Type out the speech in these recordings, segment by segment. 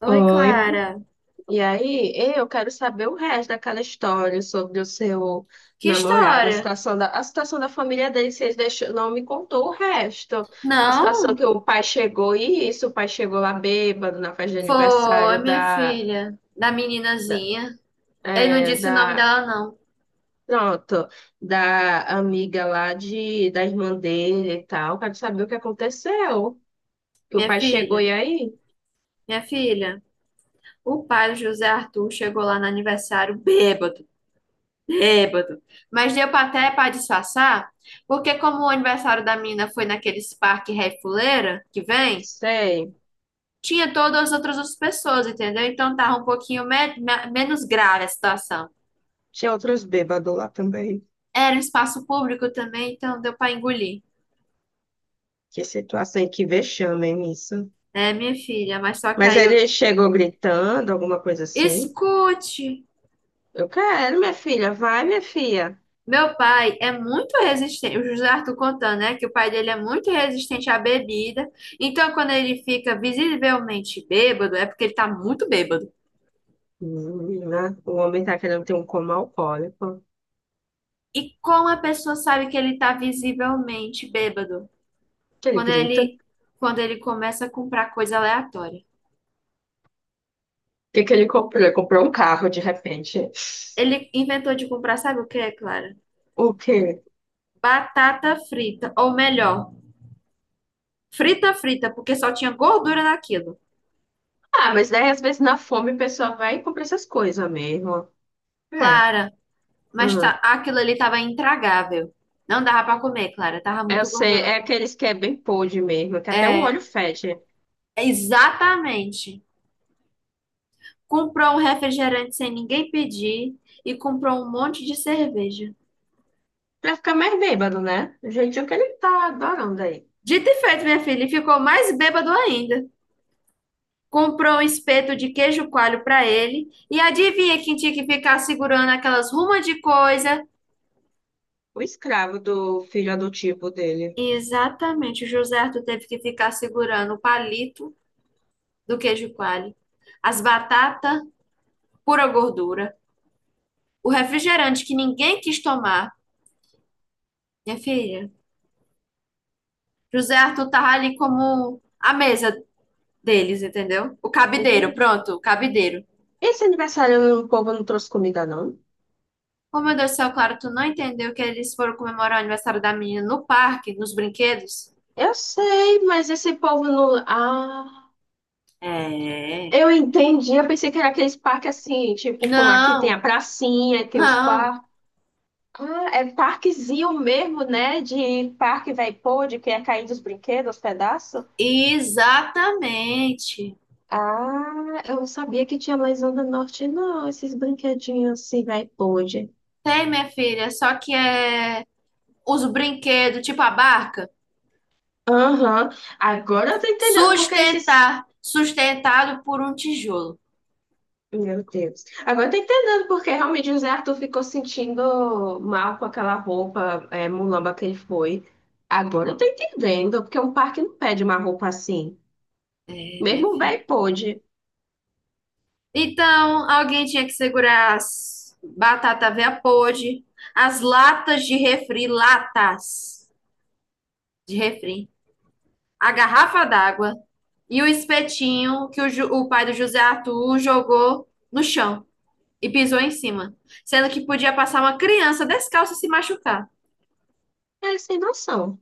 Oi, Oi. Clara. E aí, eu quero saber o resto daquela história sobre o seu Que namorado, história? A situação da família dele, vocês deixou, não me contou o resto. A situação Não, que o pai chegou e isso, o pai chegou lá bêbado na festa de foi aniversário minha filha, da da, meninazinha. Ele não é, disse o nome da, dela, não. pronto, da amiga lá de, da irmã dele e tal. Quero saber o que aconteceu. Que o Minha pai chegou filha, e aí? minha filha. O pai do José Arthur chegou lá no aniversário bêbado, bêbado. Mas deu pra até para disfarçar, porque como o aniversário da menina foi naqueles parque Ré Fuleira que vem, Sei. tinha todas as outras pessoas, entendeu? Então tava um pouquinho menos grave a situação. Tinha outros bêbados lá também. Era um espaço público também, então deu pra engolir. Que situação e que vexame, hein, isso? É, minha filha, mas só que Mas aí eu... ele chegou gritando, alguma coisa assim. Escute! Eu quero, minha filha, vai, minha filha. Meu pai é muito resistente, o José Arthur contando, né, que o pai dele é muito resistente à bebida. Então, quando ele fica visivelmente bêbado, é porque ele tá muito bêbado. Menina, o homem tá querendo ter um coma alcoólico. E como a pessoa sabe que ele tá visivelmente bêbado? Que ele Quando grita. ele, O quando ele começa a comprar coisa aleatória. que que ele comprou? Ele comprou um carro de repente. Ele inventou de comprar, sabe o que é, Clara? O quê? Batata frita, ou melhor, frita frita, porque só tinha gordura naquilo. Ah, mas daí às vezes na fome a pessoa vai e compra essas coisas mesmo. É. Clara, mas tá, Hum. aquilo ali tava intragável. Não dava pra comer, Clara. Tava Eu muito sei, gorduroso. é aqueles que é bem podre mesmo, que até o É, olho fecha. é exatamente. Comprou um refrigerante sem ninguém pedir e comprou um monte de cerveja. Pra ficar mais bêbado, né? O jeitinho que ele tá adorando aí. Dito e feito, minha filha, e ficou mais bêbado ainda. Comprou um espeto de queijo coalho pra ele e adivinha quem tinha que ficar segurando aquelas rumas de coisa? O escravo do filho adotivo dele. Exatamente, o José Arthur teve que ficar segurando o palito do queijo coalho, as batatas, pura gordura. O refrigerante que ninguém quis tomar, minha filha. José Arthur tava ali como a mesa deles, entendeu? O cabideiro, Entendi. pronto, o cabideiro. Esse aniversário o povo não trouxe comida, não? Oh, meu Deus do céu, claro, tu não entendeu que eles foram comemorar o aniversário da menina no parque, nos brinquedos? Eu sei, mas esse povo não. Ah, É. eu entendi. Eu pensei que era aqueles parques assim, tipo, como aqui tem Não, a pracinha, tem os não. parques. Ah, é parquezinho mesmo, né? De parque vai pôr, que é cair dos brinquedos, os pedaços. Exatamente. Ah, eu não sabia que tinha mais onda norte, não. Esses brinquedinhos assim, vai pôr. Tem, minha filha, só que é os brinquedos, tipo a barca, Aham. Agora eu tô entendendo porque eles se sustentado por um tijolo. Meu Deus. Agora eu tô entendendo porque realmente o Zé Arthur ficou sentindo mal com aquela roupa é, mulamba que ele foi. Agora eu tô entendendo, porque um parque não pede uma roupa assim. É, minha Mesmo o filha. velho pôde. Então, alguém tinha que segurar as batata veia podre, as latas de refri, a garrafa d'água e o espetinho que o pai do José Arthur jogou no chão e pisou em cima, sendo que podia passar uma criança descalça e se machucar. É sem noção.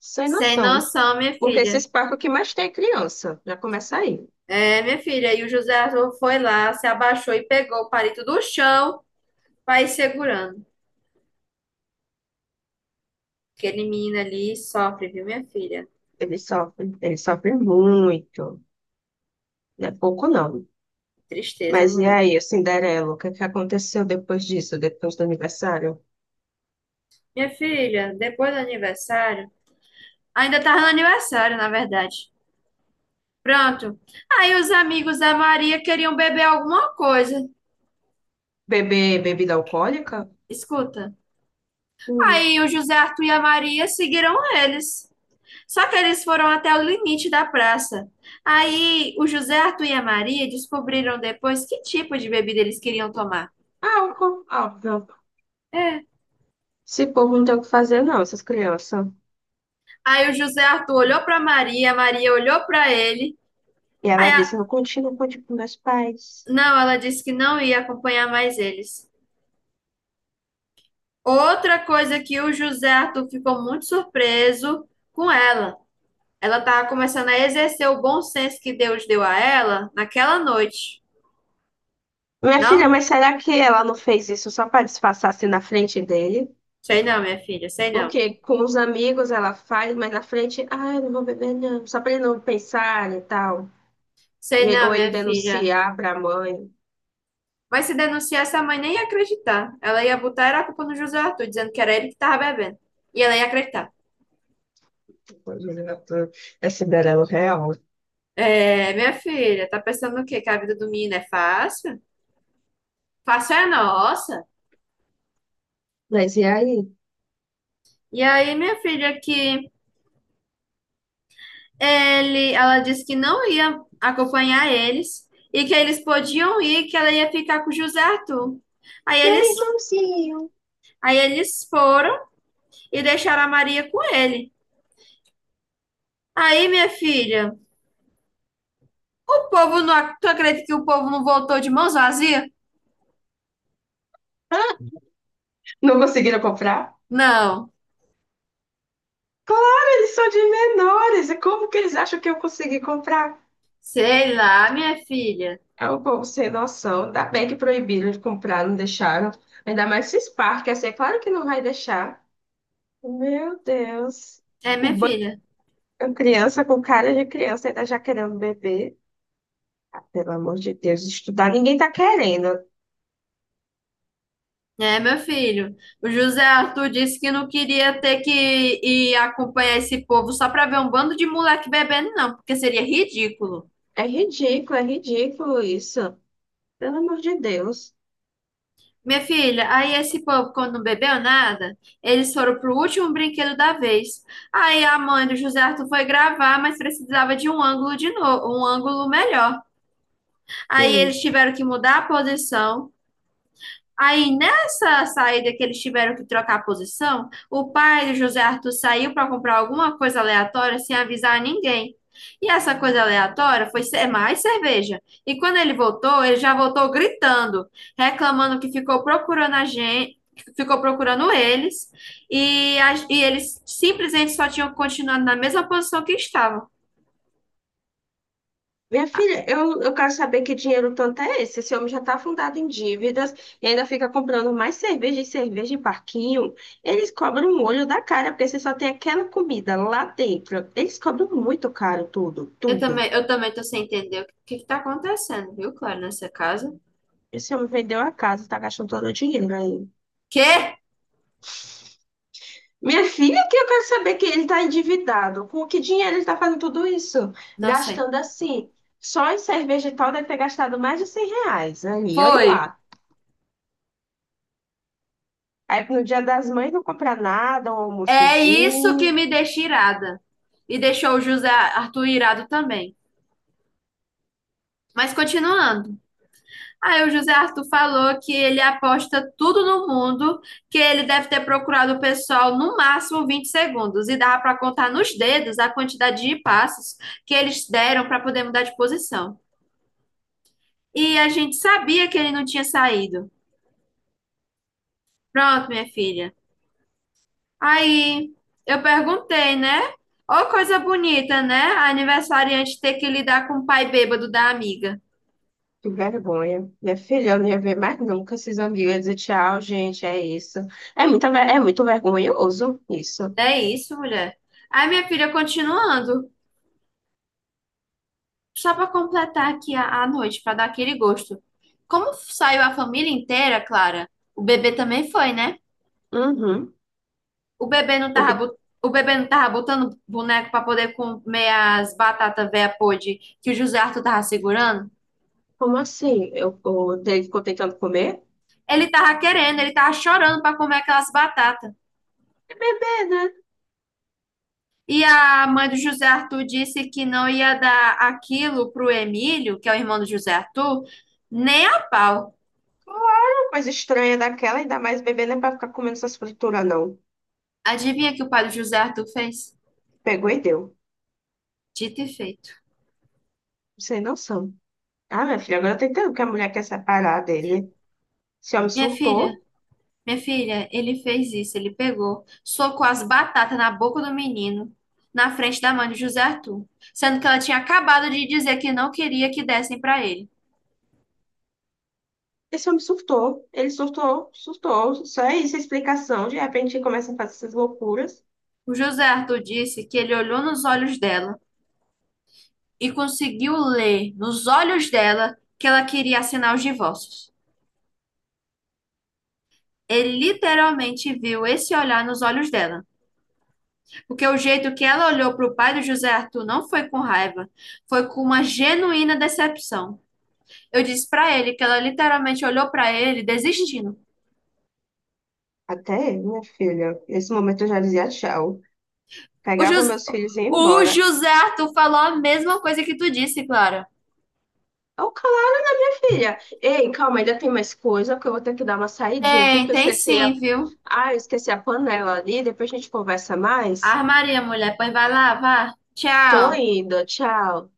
Sem Sem noção. noção, minha Porque filha. esses parques o que mais tem é criança. Já começa aí. É, minha filha. E o José Arthur foi lá, se abaixou e pegou o palito do chão para ir segurando. Aquele menino ali sofre, viu, minha filha? Ele sofre muito. Não é pouco, não. Tristeza, Mas e mulher. aí, o Cinderela, o que é que aconteceu depois disso, depois do aniversário? Minha filha, depois do aniversário. Ainda tava no aniversário, na verdade. Pronto. Aí os amigos da Maria queriam beber alguma coisa. Beber bebida alcoólica? Escuta. Hum. Aí o José Arthur e a Maria seguiram eles. Só que eles foram até o limite da praça. Aí o José Arthur e a Maria descobriram depois que tipo de bebida eles queriam tomar. Álcool, óbvio. É. Esse povo não tem o que fazer, não, essas crianças. Aí o José Arthur olhou para Maria, a Maria olhou para ele. E Aí ela a- disse, eu continuo com tipo, meus pais. Não, ela disse que não ia acompanhar mais eles. Outra coisa que o José Arthur ficou muito surpreso com ela. Ela estava começando a exercer o bom senso que Deus deu a ela naquela noite. Minha filha, Não, mas será que ela não fez isso só para disfarçar assim na frente dele? sei não, minha filha, sei não. Porque com os amigos ela faz, mas na frente, ah, eu não vou beber, não. Só para ele não pensar e tal. Sei não, Ou ele minha filha. denunciar para a mãe. Mas se denunciar, essa mãe nem ia acreditar. Ela ia botar era a culpa no José Arthur, dizendo que era ele que estava bebendo. E ela ia acreditar. É Cinderela real. É, minha filha, tá pensando o quê? Que a vida do menino é fácil? Fácil é a nossa. Mas e aí? E aí, minha filha, que ela disse que não ia acompanhar eles e que eles podiam ir, que ela ia ficar com o José Arthur. Aí Meu eles, irmãozinho. aí eles foram e deixaram a Maria com ele. Aí, minha filha, o povo não, tu acredita que o povo não voltou de mãos vazias? Não conseguiram comprar? Não. Claro, eles são de menores. E como que eles acham que eu consegui comprar? Sei lá, minha filha. É um povo sem noção. Ainda bem que proibiram de comprar, não deixaram. Ainda mais se Spark, assim, é claro que não vai deixar. Meu Deus. É, Um minha banco filha. de Criança com cara de criança ainda já querendo beber. Ah, pelo amor de Deus, estudar ninguém tá querendo. É, meu filho. O José Arthur disse que não queria ter que ir acompanhar esse povo só para ver um bando de moleque bebendo, não, porque seria ridículo. É ridículo isso. Pelo amor de Deus. Minha filha, aí esse povo, quando não bebeu nada, eles foram pro último brinquedo da vez. Aí a mãe do José Arthur foi gravar, mas precisava de um ângulo de novo, um ângulo melhor. Aí Hum. eles tiveram que mudar a posição. Aí, nessa saída que eles tiveram que trocar a posição, o pai do José Arthur saiu para comprar alguma coisa aleatória sem avisar ninguém. E essa coisa aleatória foi ser mais cerveja. E quando ele voltou, ele já voltou gritando, reclamando que ficou procurando a gente, ficou procurando eles, e eles simplesmente só tinham continuado na mesma posição que estavam. Minha filha, eu quero saber que dinheiro tanto é esse. Esse homem já está afundado em dívidas e ainda fica comprando mais cerveja e cerveja em parquinho. Eles cobram um olho da cara, porque você só tem aquela comida lá dentro. Eles cobram muito caro tudo, tudo. Eu também tô sem entender o que que tá acontecendo, viu, Clara? Nessa casa. Esse homem vendeu a casa, está gastando todo o dinheiro aí. Quê? Minha filha, que eu quero saber que ele está endividado. Com que dinheiro ele está fazendo tudo isso? Não sei. Gastando assim. Só em cerveja e tal deve ter gastado mais de 100 reais. Aí, olha Foi. lá. Aí no Dia das Mães não comprar nada, um É isso que almoçozinho, me deixa irada. E deixou o José Arthur irado também. Mas continuando. Aí o José Arthur falou que ele aposta tudo no mundo, que ele deve ter procurado o pessoal no máximo 20 segundos e dava para contar nos dedos a quantidade de passos que eles deram para poder mudar de posição. E a gente sabia que ele não tinha saído. Pronto, minha filha. Aí eu perguntei, né? Ô, coisa bonita, né? A aniversariante ter que lidar com o pai bêbado da amiga. que vergonha. Minha filha, eu não ia ver mais nunca esses amigos. Eu ia dizer tchau, gente, é isso. É muito vergonhoso isso. É isso, mulher. Aí minha filha, continuando, só para completar aqui a noite, para dar aquele gosto. Como saiu a família inteira, Clara, o bebê também foi, né? Uhum. O bebê não O tava, que- o bebê não tava botando boneco para poder comer as batatas véia podre que o José Arthur tava segurando? Como assim? Eu, o dele ficou tentando comer? Ele tava chorando para comer aquelas batatas. É bebê, né? E a mãe do José Arthur disse que não ia dar aquilo pro Emílio, que é o irmão do José Arthur, nem a pau. Claro, coisa estranha daquela, ainda mais bebê não é pra ficar comendo essas frituras, não. Adivinha que o pai do José Arthur fez? Pegou e deu. Dito e feito. Sem noção. Ah, minha filha, agora eu tô entendendo que a mulher quer separar dele. Esse homem Minha filha, surtou. minha filha, ele fez isso, ele pegou, socou as batatas na boca do menino, na frente da mãe do José Arthur, sendo que ela tinha acabado de dizer que não queria que dessem para ele. Esse homem surtou. Ele surtou, surtou. Só é isso a explicação. De repente, ele começa a fazer essas loucuras. O José Arthur disse que ele olhou nos olhos dela e conseguiu ler nos olhos dela que ela queria assinar os divórcios. Ele literalmente viu esse olhar nos olhos dela, porque o jeito que ela olhou para o pai do José Arthur não foi com raiva, foi com uma genuína decepção. Eu disse para ele que ela literalmente olhou para ele desistindo. Até eu, minha filha, nesse momento eu já dizia tchau. O, Pegava Jus... meus filhos e ia o embora. José Arthur falou a mesma coisa que tu disse, Clara. Ô, Clara, filha. Ei, calma, ainda tem mais coisa, porque eu vou ter que dar uma saidinha aqui, Tem, porque eu tem esqueci a... sim, viu? Ah, eu esqueci a panela ali. Depois a gente conversa mais. Armaria, mulher, pois vai lá, vá. Tô Tchau. indo, tchau.